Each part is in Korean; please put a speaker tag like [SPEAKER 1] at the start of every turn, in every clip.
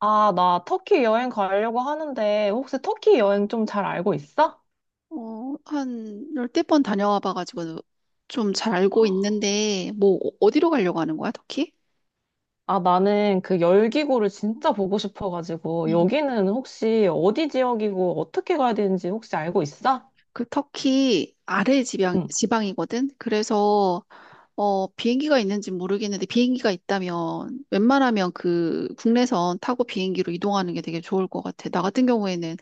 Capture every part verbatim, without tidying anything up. [SPEAKER 1] 아, 나 터키 여행 가려고 하는데 혹시 터키 여행 좀 잘 알고 있어?
[SPEAKER 2] 어, 한 열댓 번 다녀와 봐가지고 좀 잘 알고 있는데, 뭐, 어- 어디로 가려고 하는 거야, 터키?
[SPEAKER 1] 아, 나는 그 열기구를 진짜 보고 싶어가지고
[SPEAKER 2] 음.
[SPEAKER 1] 여기는 혹시 어디 지역이고 어떻게 가야 되는지 혹시 알고 있어?
[SPEAKER 2] 그 터키 아래 지방,
[SPEAKER 1] 응.
[SPEAKER 2] 지방이거든? 그래서, 어, 비행기가 있는지 모르겠는데, 비행기가 있다면, 웬만하면 그 국내선 타고 비행기로 이동하는 게 되게 좋을 것 같아. 나 같은 경우에는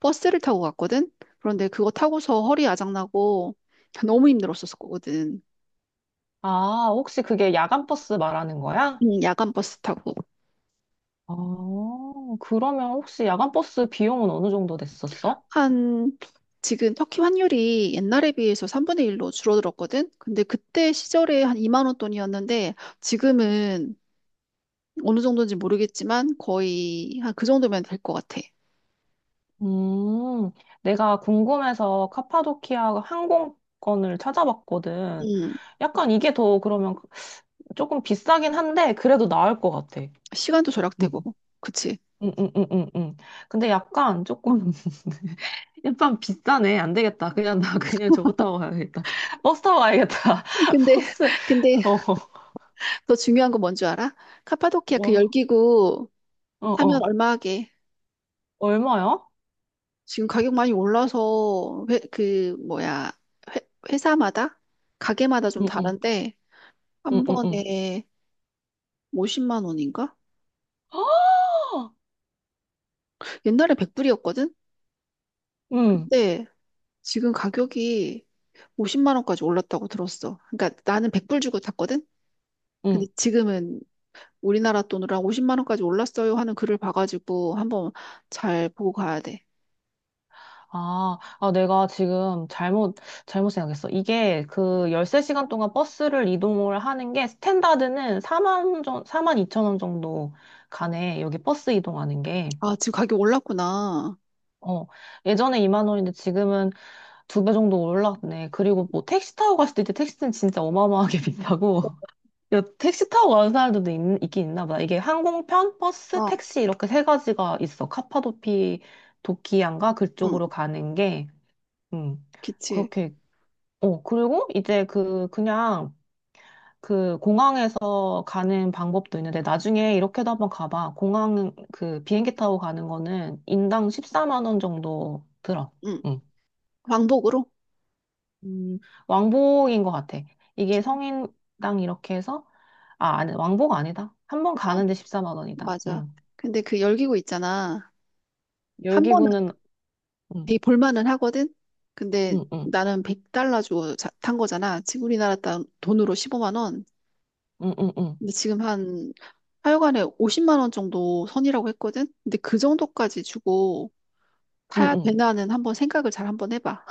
[SPEAKER 2] 버스를 타고 갔거든? 그런데 그거 타고서 허리 아작나고, 너무 힘들었었거든.
[SPEAKER 1] 아, 혹시 그게 야간 버스 말하는 거야?
[SPEAKER 2] 음, 야간 버스 타고.
[SPEAKER 1] 아, 그러면 혹시 야간 버스 비용은 어느 정도 됐었어?
[SPEAKER 2] 한 지금 터키 환율이 옛날에 비해서 삼분의 일로 줄어들었거든. 근데 그때 시절에 한 이만 원 돈이었는데 지금은 어느 정도인지 모르겠지만 거의 한 그 정도면 될 것 같아.
[SPEAKER 1] 음, 내가 궁금해서 카파도키아 항공권을 찾아봤거든.
[SPEAKER 2] 음,
[SPEAKER 1] 약간 이게 더 그러면 조금 비싸긴 한데 그래도 나을 것 같아.
[SPEAKER 2] 시간도 절약되고. 그치.
[SPEAKER 1] 음, 음, 음, 음, 음. 근데 약간 조금 약간 비싸네. 안 되겠다. 그냥 나 그냥 저거 타고 가야겠다. 버스 타고 가야겠다.
[SPEAKER 2] 근데,
[SPEAKER 1] 버스.
[SPEAKER 2] 근데
[SPEAKER 1] 어, 어.
[SPEAKER 2] 더 중요한 건 뭔지 알아? 카파도키아 그
[SPEAKER 1] 와,
[SPEAKER 2] 열기구
[SPEAKER 1] 어,
[SPEAKER 2] 타면
[SPEAKER 1] 어.
[SPEAKER 2] 얼마 하게.
[SPEAKER 1] 얼마야?
[SPEAKER 2] 지금 가격 많이 올라서 회, 그 뭐야 회, 회사마다 가게마다 좀
[SPEAKER 1] 응, 응,
[SPEAKER 2] 다른데
[SPEAKER 1] 응,
[SPEAKER 2] 한
[SPEAKER 1] 응, 응.
[SPEAKER 2] 번에 오십만 원인가?
[SPEAKER 1] 아!
[SPEAKER 2] 옛날에 백 불이었거든?
[SPEAKER 1] 응,
[SPEAKER 2] 근데 지금 가격이 오십만 원까지 올랐다고 들었어. 그러니까 나는 백 불 주고 샀거든?
[SPEAKER 1] 응.
[SPEAKER 2] 근데 지금은 우리나라 돈으로 한 오십만 원까지 올랐어요 하는 글을 봐가지고 한번 잘 보고 가야 돼.
[SPEAKER 1] 아, 아, 내가 지금 잘못, 잘못 생각했어. 이게 그 십삼 시간 동안 버스를 이동을 하는 게 스탠다드는 4만 정, 사만 이천 원 정도 가네. 여기 버스 이동하는 게.
[SPEAKER 2] 아, 지금 가격 올랐구나.
[SPEAKER 1] 어, 예전에 이만 원인데 지금은 두 배 정도 올랐네. 그리고 뭐 택시 타고 갔을 때 택시는 진짜 어마어마하게 비싸고. 야, 택시 타고 가는 사람들도 있, 있긴 있나 보다. 이게 항공편, 버스,
[SPEAKER 2] 어,
[SPEAKER 1] 택시 이렇게 세 가지가 있어. 카파도피, 도키안가
[SPEAKER 2] 응,
[SPEAKER 1] 그쪽으로 가는 게. 음.
[SPEAKER 2] 그치.
[SPEAKER 1] 그렇게 어, 그리고 이제 그, 그냥 그 공항에서 가는 방법도 있는데 나중에 이렇게도 한번 가봐. 공항 그 비행기 타고 가는 거는 인당 십사만 원 정도 들어.
[SPEAKER 2] 응,
[SPEAKER 1] 응.
[SPEAKER 2] 왕복으로?
[SPEAKER 1] 음, 왕복인 것 같아. 이게 성인당 이렇게 해서, 아, 아니, 왕복 아니다. 한 번
[SPEAKER 2] 어,
[SPEAKER 1] 가는데 십사만 원이다.
[SPEAKER 2] 맞아.
[SPEAKER 1] 응.
[SPEAKER 2] 근데 그 열기구 있잖아. 한 번은
[SPEAKER 1] 열기구는, 응,
[SPEAKER 2] 되게 볼만은 하거든? 근데
[SPEAKER 1] 응, 응,
[SPEAKER 2] 나는 백 달러 주고 자- 탄 거잖아. 지금 우리나라 돈- 돈으로 십오만 원.
[SPEAKER 1] 응, 응, 응,
[SPEAKER 2] 근데 지금 한 하여간에 오십만 원 정도 선이라고 했거든? 근데 그 정도까지 주고
[SPEAKER 1] 응.
[SPEAKER 2] 타야
[SPEAKER 1] 응.
[SPEAKER 2] 되나는 한번 생각을 잘 한번 해봐.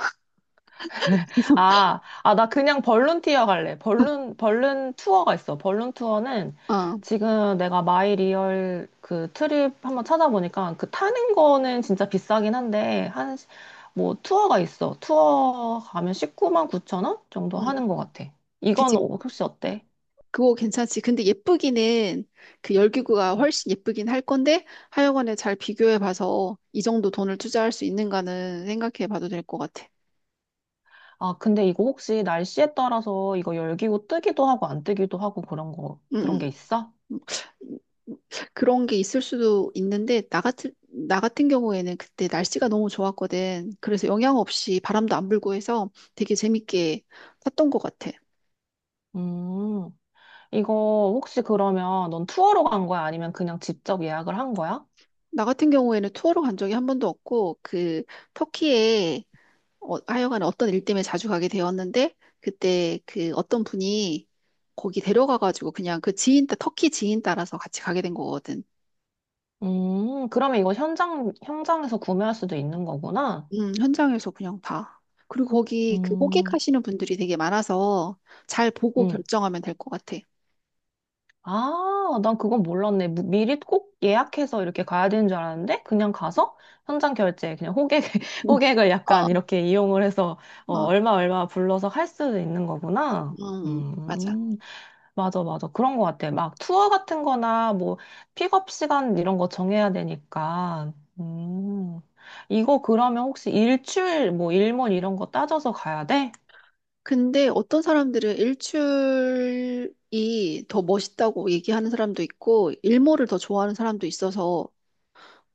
[SPEAKER 1] 아, 아, 나 그냥 벌룬티어 갈래. 벌룬, 벌룬 투어가 있어. 벌룬 투어는
[SPEAKER 2] 아,
[SPEAKER 1] 지금 내가 마이리얼 그 트립 한번 찾아보니까 그 타는 거는 진짜 비싸긴 한데, 한, 시- 뭐 투어가 있어. 투어 가면 십구만 구천 원 정도
[SPEAKER 2] 음,
[SPEAKER 1] 하는 것 같아. 이건
[SPEAKER 2] 그지.
[SPEAKER 1] 어, 혹시 어때?
[SPEAKER 2] 그거 괜찮지. 근데 예쁘기는 그 열기구가
[SPEAKER 1] 음.
[SPEAKER 2] 훨씬 예쁘긴 할 건데 하여간에 잘 비교해 봐서 이 정도 돈을 투자할 수 있는가는 생각해 봐도 될 것 같아.
[SPEAKER 1] 아, 근데 이거 혹시 날씨에 따라서 이거 열기고 뜨기도 하고 안 뜨기도 하고 그런 거,
[SPEAKER 2] 응,
[SPEAKER 1] 그런
[SPEAKER 2] 응.
[SPEAKER 1] 게 있어?
[SPEAKER 2] 음, 그런 게 있을 수도 있는데, 나 같은, 나 같은 경우에는 그때 날씨가 너무 좋았거든. 그래서 영향 없이 바람도 안 불고 해서 되게 재밌게 탔던 것 같아.
[SPEAKER 1] 음. 이거 혹시 그러면 넌 투어로 간 거야? 아니면 그냥 직접 예약을 한 거야?
[SPEAKER 2] 나 같은 경우에는 투어로 간 적이 한 번도 없고, 그, 터키에 어, 하여간 어떤 일 때문에 자주 가게 되었는데, 그때 그 어떤 분이 거기 데려가가지고 그냥 그 지인, 따- 터키 지인 따라서 같이 가게 된 거거든.
[SPEAKER 1] 음, 그러면 이거 현장, 현장에서 구매할 수도 있는 거구나?
[SPEAKER 2] 음, 현장에서 그냥 봐. 그리고 거기 그
[SPEAKER 1] 음,
[SPEAKER 2] 호객하시는 분들이 되게 많아서 잘 보고
[SPEAKER 1] 음.
[SPEAKER 2] 결정하면 될 것 같아.
[SPEAKER 1] 아, 난 그건 몰랐네. 무- 미리 꼭 예약해서 이렇게 가야 되는 줄 알았는데, 그냥 가서 현장 결제, 그냥 호객,
[SPEAKER 2] 음.
[SPEAKER 1] 호객을
[SPEAKER 2] 어,
[SPEAKER 1] 약간 이렇게 이용을 해서, 어,
[SPEAKER 2] 어,
[SPEAKER 1] 얼마, 얼마 불러서 할 수도 있는 거구나?
[SPEAKER 2] 음, 맞아.
[SPEAKER 1] 음. 맞아, 맞아. 그런 것 같아. 막 투어 같은 거나 뭐 픽업 시간 이런 거 정해야 되니까. 음. 이거 그러면 혹시 일출, 뭐 일몰 이런 거 따져서 가야 돼?
[SPEAKER 2] 근데 어떤 사람들은 일출이 더 멋있다고 얘기하는 사람도 있고, 일몰을 더 좋아하는 사람도 있어서,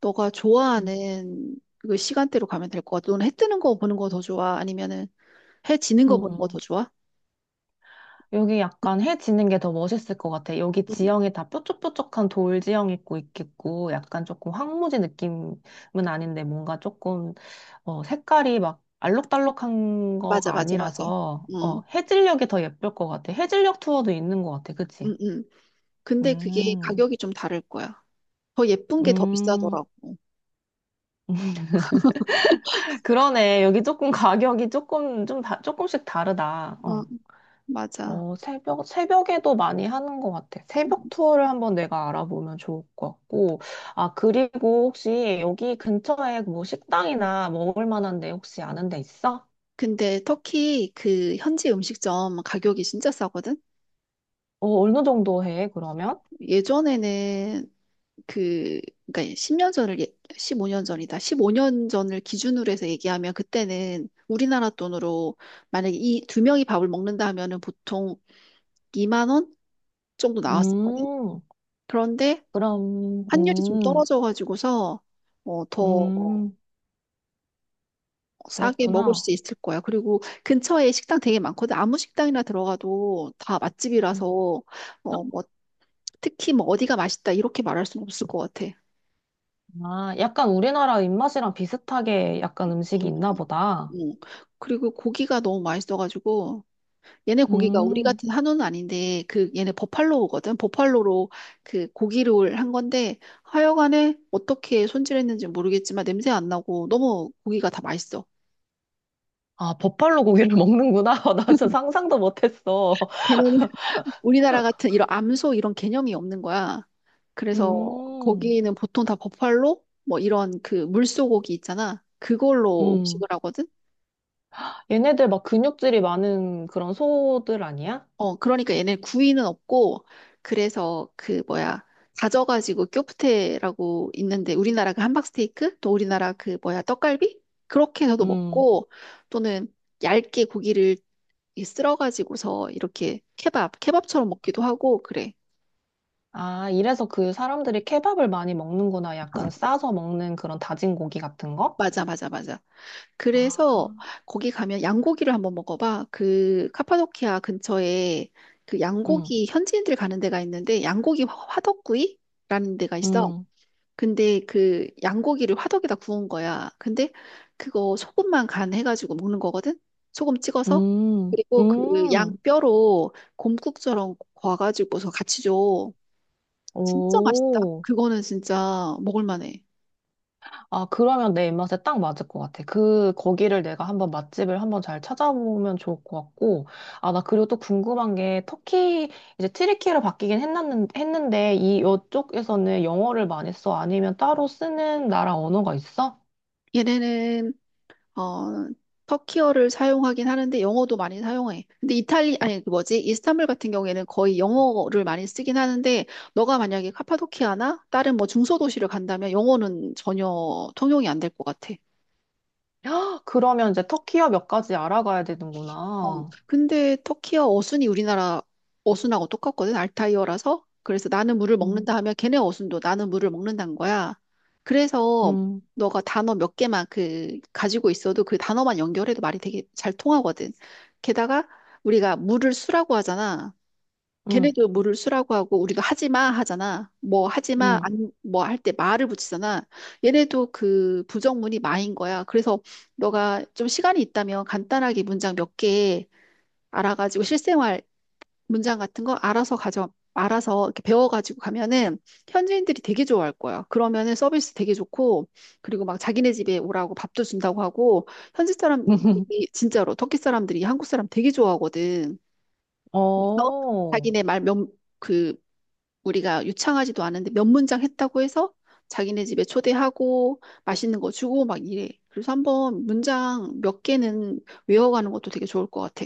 [SPEAKER 2] 너가
[SPEAKER 1] 음.
[SPEAKER 2] 좋아하는 그 시간대로 가면 될 것 같아. 너는 해 뜨는 거 보는 거 더 좋아? 아니면은 해 지는 거 보는 거 더
[SPEAKER 1] 음.
[SPEAKER 2] 좋아?
[SPEAKER 1] 여기 약간 해 지는 게 더 멋있을 것 같아. 여기
[SPEAKER 2] 음,
[SPEAKER 1] 지형이 다 뾰족뾰족한 돌 지형 있고 있겠고, 약간 조금 황무지 느낌은 아닌데 뭔가 조금 어, 색깔이 막 알록달록한
[SPEAKER 2] 맞아,
[SPEAKER 1] 거가
[SPEAKER 2] 맞아, 맞아.
[SPEAKER 1] 아니라서 어,
[SPEAKER 2] 음,
[SPEAKER 1] 해질녘이 더 예쁠 것 같아. 해질녘 투어도 있는 것 같아. 그치?
[SPEAKER 2] 음, 음. 근데 그게
[SPEAKER 1] 음,
[SPEAKER 2] 가격이 좀 다를 거야. 더 예쁜 게 더
[SPEAKER 1] 음.
[SPEAKER 2] 비싸더라고.
[SPEAKER 1] 그러네. 여기 조금 가격이 조금, 좀 다, 조금씩 다르다.
[SPEAKER 2] 어,
[SPEAKER 1] 어.
[SPEAKER 2] 맞아.
[SPEAKER 1] 어, 새벽, 새벽에도 많이 하는 것 같아. 새벽 투어를 한번 내가 알아보면 좋을 것 같고. 아, 그리고 혹시 여기 근처에 뭐 식당이나 먹을 만한 데 혹시 아는 데 있어?
[SPEAKER 2] 근데 터키 그 현지 음식점 가격이 진짜 싸거든?
[SPEAKER 1] 어, 어느 정도 해, 그러면?
[SPEAKER 2] 예전에는 그, 그러니까 십 년 전을, 예- 십오 년 전이다. 십오 년 전을 기준으로 해서 얘기하면 그때는 우리나라 돈으로 만약에 이 두 명이 밥을 먹는다 하면은 보통 이만 원 정도 나왔었거든?
[SPEAKER 1] 음,
[SPEAKER 2] 그런데
[SPEAKER 1] 그럼,
[SPEAKER 2] 환율이 좀
[SPEAKER 1] 음,
[SPEAKER 2] 떨어져가지고서 어, 더
[SPEAKER 1] 음,
[SPEAKER 2] 싸게 먹을
[SPEAKER 1] 그렇구나.
[SPEAKER 2] 수 있을 거야. 그리고 근처에 식당 되게 많거든. 아무 식당이나 들어가도 다 맛집이라서
[SPEAKER 1] 음.
[SPEAKER 2] 어, 뭐 특히 뭐 어디가 맛있다 이렇게 말할 수는 없을 것 같아.
[SPEAKER 1] 아, 약간 우리나라 입맛이랑 비슷하게 약간 음식이
[SPEAKER 2] 음,
[SPEAKER 1] 있나 보다.
[SPEAKER 2] 음. 그리고 고기가 너무 맛있어가지고 얘네 고기가 우리
[SPEAKER 1] 음.
[SPEAKER 2] 같은 한우는 아닌데 그 얘네 버팔로우거든. 버팔로로 그 고기를 한 건데 하여간에 어떻게 손질했는지 모르겠지만 냄새 안 나고 너무 고기가 다 맛있어.
[SPEAKER 1] 아, 버팔로 고기를 먹는구나. 나 진짜 상상도 못했어.
[SPEAKER 2] 걔네는 우리나라 같은 이런 암소 이런 개념이 없는 거야. 그래서
[SPEAKER 1] 음.
[SPEAKER 2] 거기는 보통 다 버팔로 뭐 이런 그 물소고기 있잖아. 그걸로
[SPEAKER 1] 음.
[SPEAKER 2] 음식을 하거든.
[SPEAKER 1] 얘네들 막 근육질이 많은 그런 소들 아니야?
[SPEAKER 2] 어, 그러니까 얘네 구이는 없고 그래서 그 뭐야 다져가지고 쿄프테라고 있는데 우리나라 그 함박스테이크 또 우리나라 그 뭐야 떡갈비 그렇게 해서도
[SPEAKER 1] 음.
[SPEAKER 2] 먹고 또는 얇게 고기를 이 쓸어가지고서 이렇게 케밥 케밥처럼 먹기도 하고 그래.
[SPEAKER 1] 아, 이래서 그 사람들이 케밥을 많이 먹는구나. 약간 싸서 먹는 그런 다진 고기 같은 거?
[SPEAKER 2] 맞아 맞아 맞아. 그래서
[SPEAKER 1] 아.
[SPEAKER 2] 거기 가면 양고기를 한번 먹어봐. 그 카파도키아 근처에 그
[SPEAKER 1] 음.
[SPEAKER 2] 양고기 현지인들 가는 데가 있는데 양고기 화- 화덕구이라는 데가 있어.
[SPEAKER 1] 음.
[SPEAKER 2] 근데 그 양고기를 화덕에다 구운 거야. 근데 그거 소금만 간 해가지고 먹는 거거든. 소금 찍어서.
[SPEAKER 1] 음.
[SPEAKER 2] 그리고 그 양
[SPEAKER 1] 음.
[SPEAKER 2] 뼈로 곰국처럼 구워가지고서 같이 줘. 진짜 맛있다.
[SPEAKER 1] 오.
[SPEAKER 2] 그거는 진짜 먹을 만해.
[SPEAKER 1] 아, 그러면 내 입맛에 딱 맞을 것 같아. 그, 거기를 내가 한번 맛집을 한번 잘 찾아보면 좋을 것 같고. 아, 나 그리고 또 궁금한 게, 터키, 이제 튀르키예로 바뀌긴 했는, 했는데, 이, 이쪽에서는 영어를 많이 써? 아니면 따로 쓰는 나라 언어가 있어?
[SPEAKER 2] 얘네는 어, 터키어를 사용하긴 하는데 영어도 많이 사용해. 근데 이탈리, 아니, 그 뭐지? 이스탄불 같은 경우에는 거의 영어를 많이 쓰긴 하는데, 너가 만약에 카파도키아나 다른 뭐 중소도시를 간다면 영어는 전혀 통용이 안 될 것 같아.
[SPEAKER 1] 헉, 그러면 이제 터키어 몇 가지 알아가야
[SPEAKER 2] 어,
[SPEAKER 1] 되는구나.
[SPEAKER 2] 근데 터키어 어순이 우리나라 어순하고 똑같거든, 알타이어라서. 그래서 나는 물을
[SPEAKER 1] 음,
[SPEAKER 2] 먹는다 하면 걔네 어순도 나는 물을 먹는다는 거야. 그래서
[SPEAKER 1] 음,
[SPEAKER 2] 너가 단어 몇 개만 그 가지고 있어도 그 단어만 연결해도 말이 되게 잘 통하거든. 게다가 우리가 물을 수라고 하잖아.
[SPEAKER 1] 음,
[SPEAKER 2] 걔네도 물을 수라고 하고 우리가 하지마 하잖아. 뭐 하지마
[SPEAKER 1] 음.
[SPEAKER 2] 안 뭐 할 때 마를 붙이잖아. 얘네도 그 부정문이 마인 거야. 그래서 너가 좀 시간이 있다면 간단하게 문장 몇개 알아가지고 실생활 문장 같은 거 알아서 가져, 알아서 이렇게 배워가지고 가면은 현지인들이 되게 좋아할 거야. 그러면은 서비스 되게 좋고, 그리고 막 자기네 집에 오라고 밥도 준다고 하고, 현지 사람이 진짜로 터키 사람들이 한국 사람 되게 좋아하거든. 그래서
[SPEAKER 1] 어.
[SPEAKER 2] 자기네 말 몇, 그, 우리가 유창하지도 않은데 몇 문장 했다고 해서 자기네 집에 초대하고 맛있는 거 주고 막 이래. 그래서 한번 문장 몇 개는 외워가는 것도 되게 좋을 것 같아.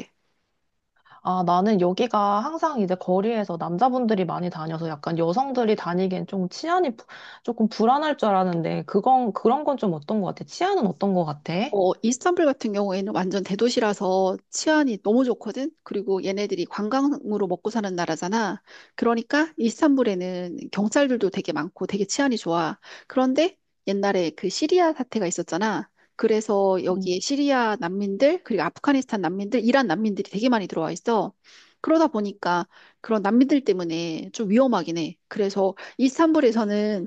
[SPEAKER 1] 아, 나는 여기가 항상 이제 거리에서 남자분들이 많이 다녀서 약간 여성들이 다니기엔 좀 치안이 부- 조금 불안할 줄 알았는데, 그건, 그런 건 좀 어떤 것 같아? 치안은 어떤 것 같아?
[SPEAKER 2] 어, 이스탄불 같은 경우에는 완전 대도시라서 치안이 너무 좋거든? 그리고 얘네들이 관광으로 먹고 사는 나라잖아. 그러니까 이스탄불에는 경찰들도 되게 많고 되게 치안이 좋아. 그런데 옛날에 그 시리아 사태가 있었잖아. 그래서
[SPEAKER 1] 응,
[SPEAKER 2] 여기에 시리아 난민들, 그리고 아프가니스탄 난민들, 이란 난민들이 되게 많이 들어와 있어. 그러다 보니까 그런 난민들 때문에 좀 위험하긴 해. 그래서 이스탄불에서는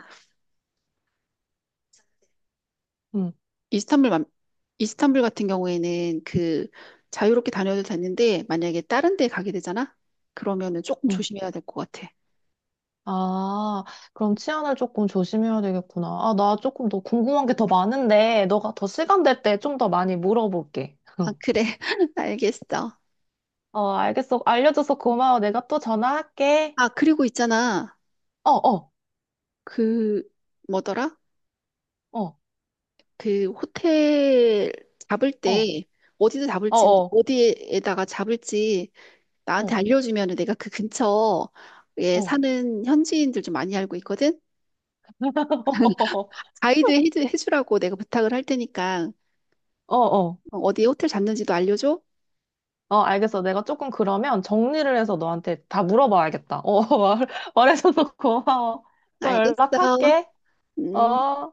[SPEAKER 1] 응,
[SPEAKER 2] 이스탄불, 맘- 이스탄불 같은 경우에는 그 자유롭게 다녀도 되는데 만약에 다른 데 가게 되잖아? 그러면은 조금
[SPEAKER 1] 응.
[SPEAKER 2] 조심해야 될 것 같아.
[SPEAKER 1] 아, 그럼 치안을 조금 조심해야 되겠구나. 아, 나 조금 더 궁금한 게 더 많은데, 너가 더 시간 될 때 좀 더 많이 물어볼게.
[SPEAKER 2] 아, 그래. 알겠어.
[SPEAKER 1] 어, 알겠어. 알려줘서 고마워. 내가 또 전화할게.
[SPEAKER 2] 아, 그리고 있잖아.
[SPEAKER 1] 어, 어,
[SPEAKER 2] 그 뭐더라?
[SPEAKER 1] 어,
[SPEAKER 2] 그 호텔 잡을
[SPEAKER 1] 어,
[SPEAKER 2] 때 어디서
[SPEAKER 1] 어,
[SPEAKER 2] 잡을지
[SPEAKER 1] 어,
[SPEAKER 2] 어디에다가 잡을지 나한테
[SPEAKER 1] 어,
[SPEAKER 2] 알려주면은 내가 그 근처에
[SPEAKER 1] 어,
[SPEAKER 2] 사는 현지인들 좀 많이 알고 있거든.
[SPEAKER 1] 어,
[SPEAKER 2] 가이드 해주- 해주라고 내가 부탁을 할 테니까
[SPEAKER 1] 어, 어.
[SPEAKER 2] 어디 호텔 잡는지도 알려줘.
[SPEAKER 1] 어, 알겠어. 내가 조금 그러면 정리를 해서 너한테 다 물어봐야겠다. 어, 말, 말해줘서 고마워. 또
[SPEAKER 2] 알겠어.
[SPEAKER 1] 연락할게.
[SPEAKER 2] 음.
[SPEAKER 1] 어.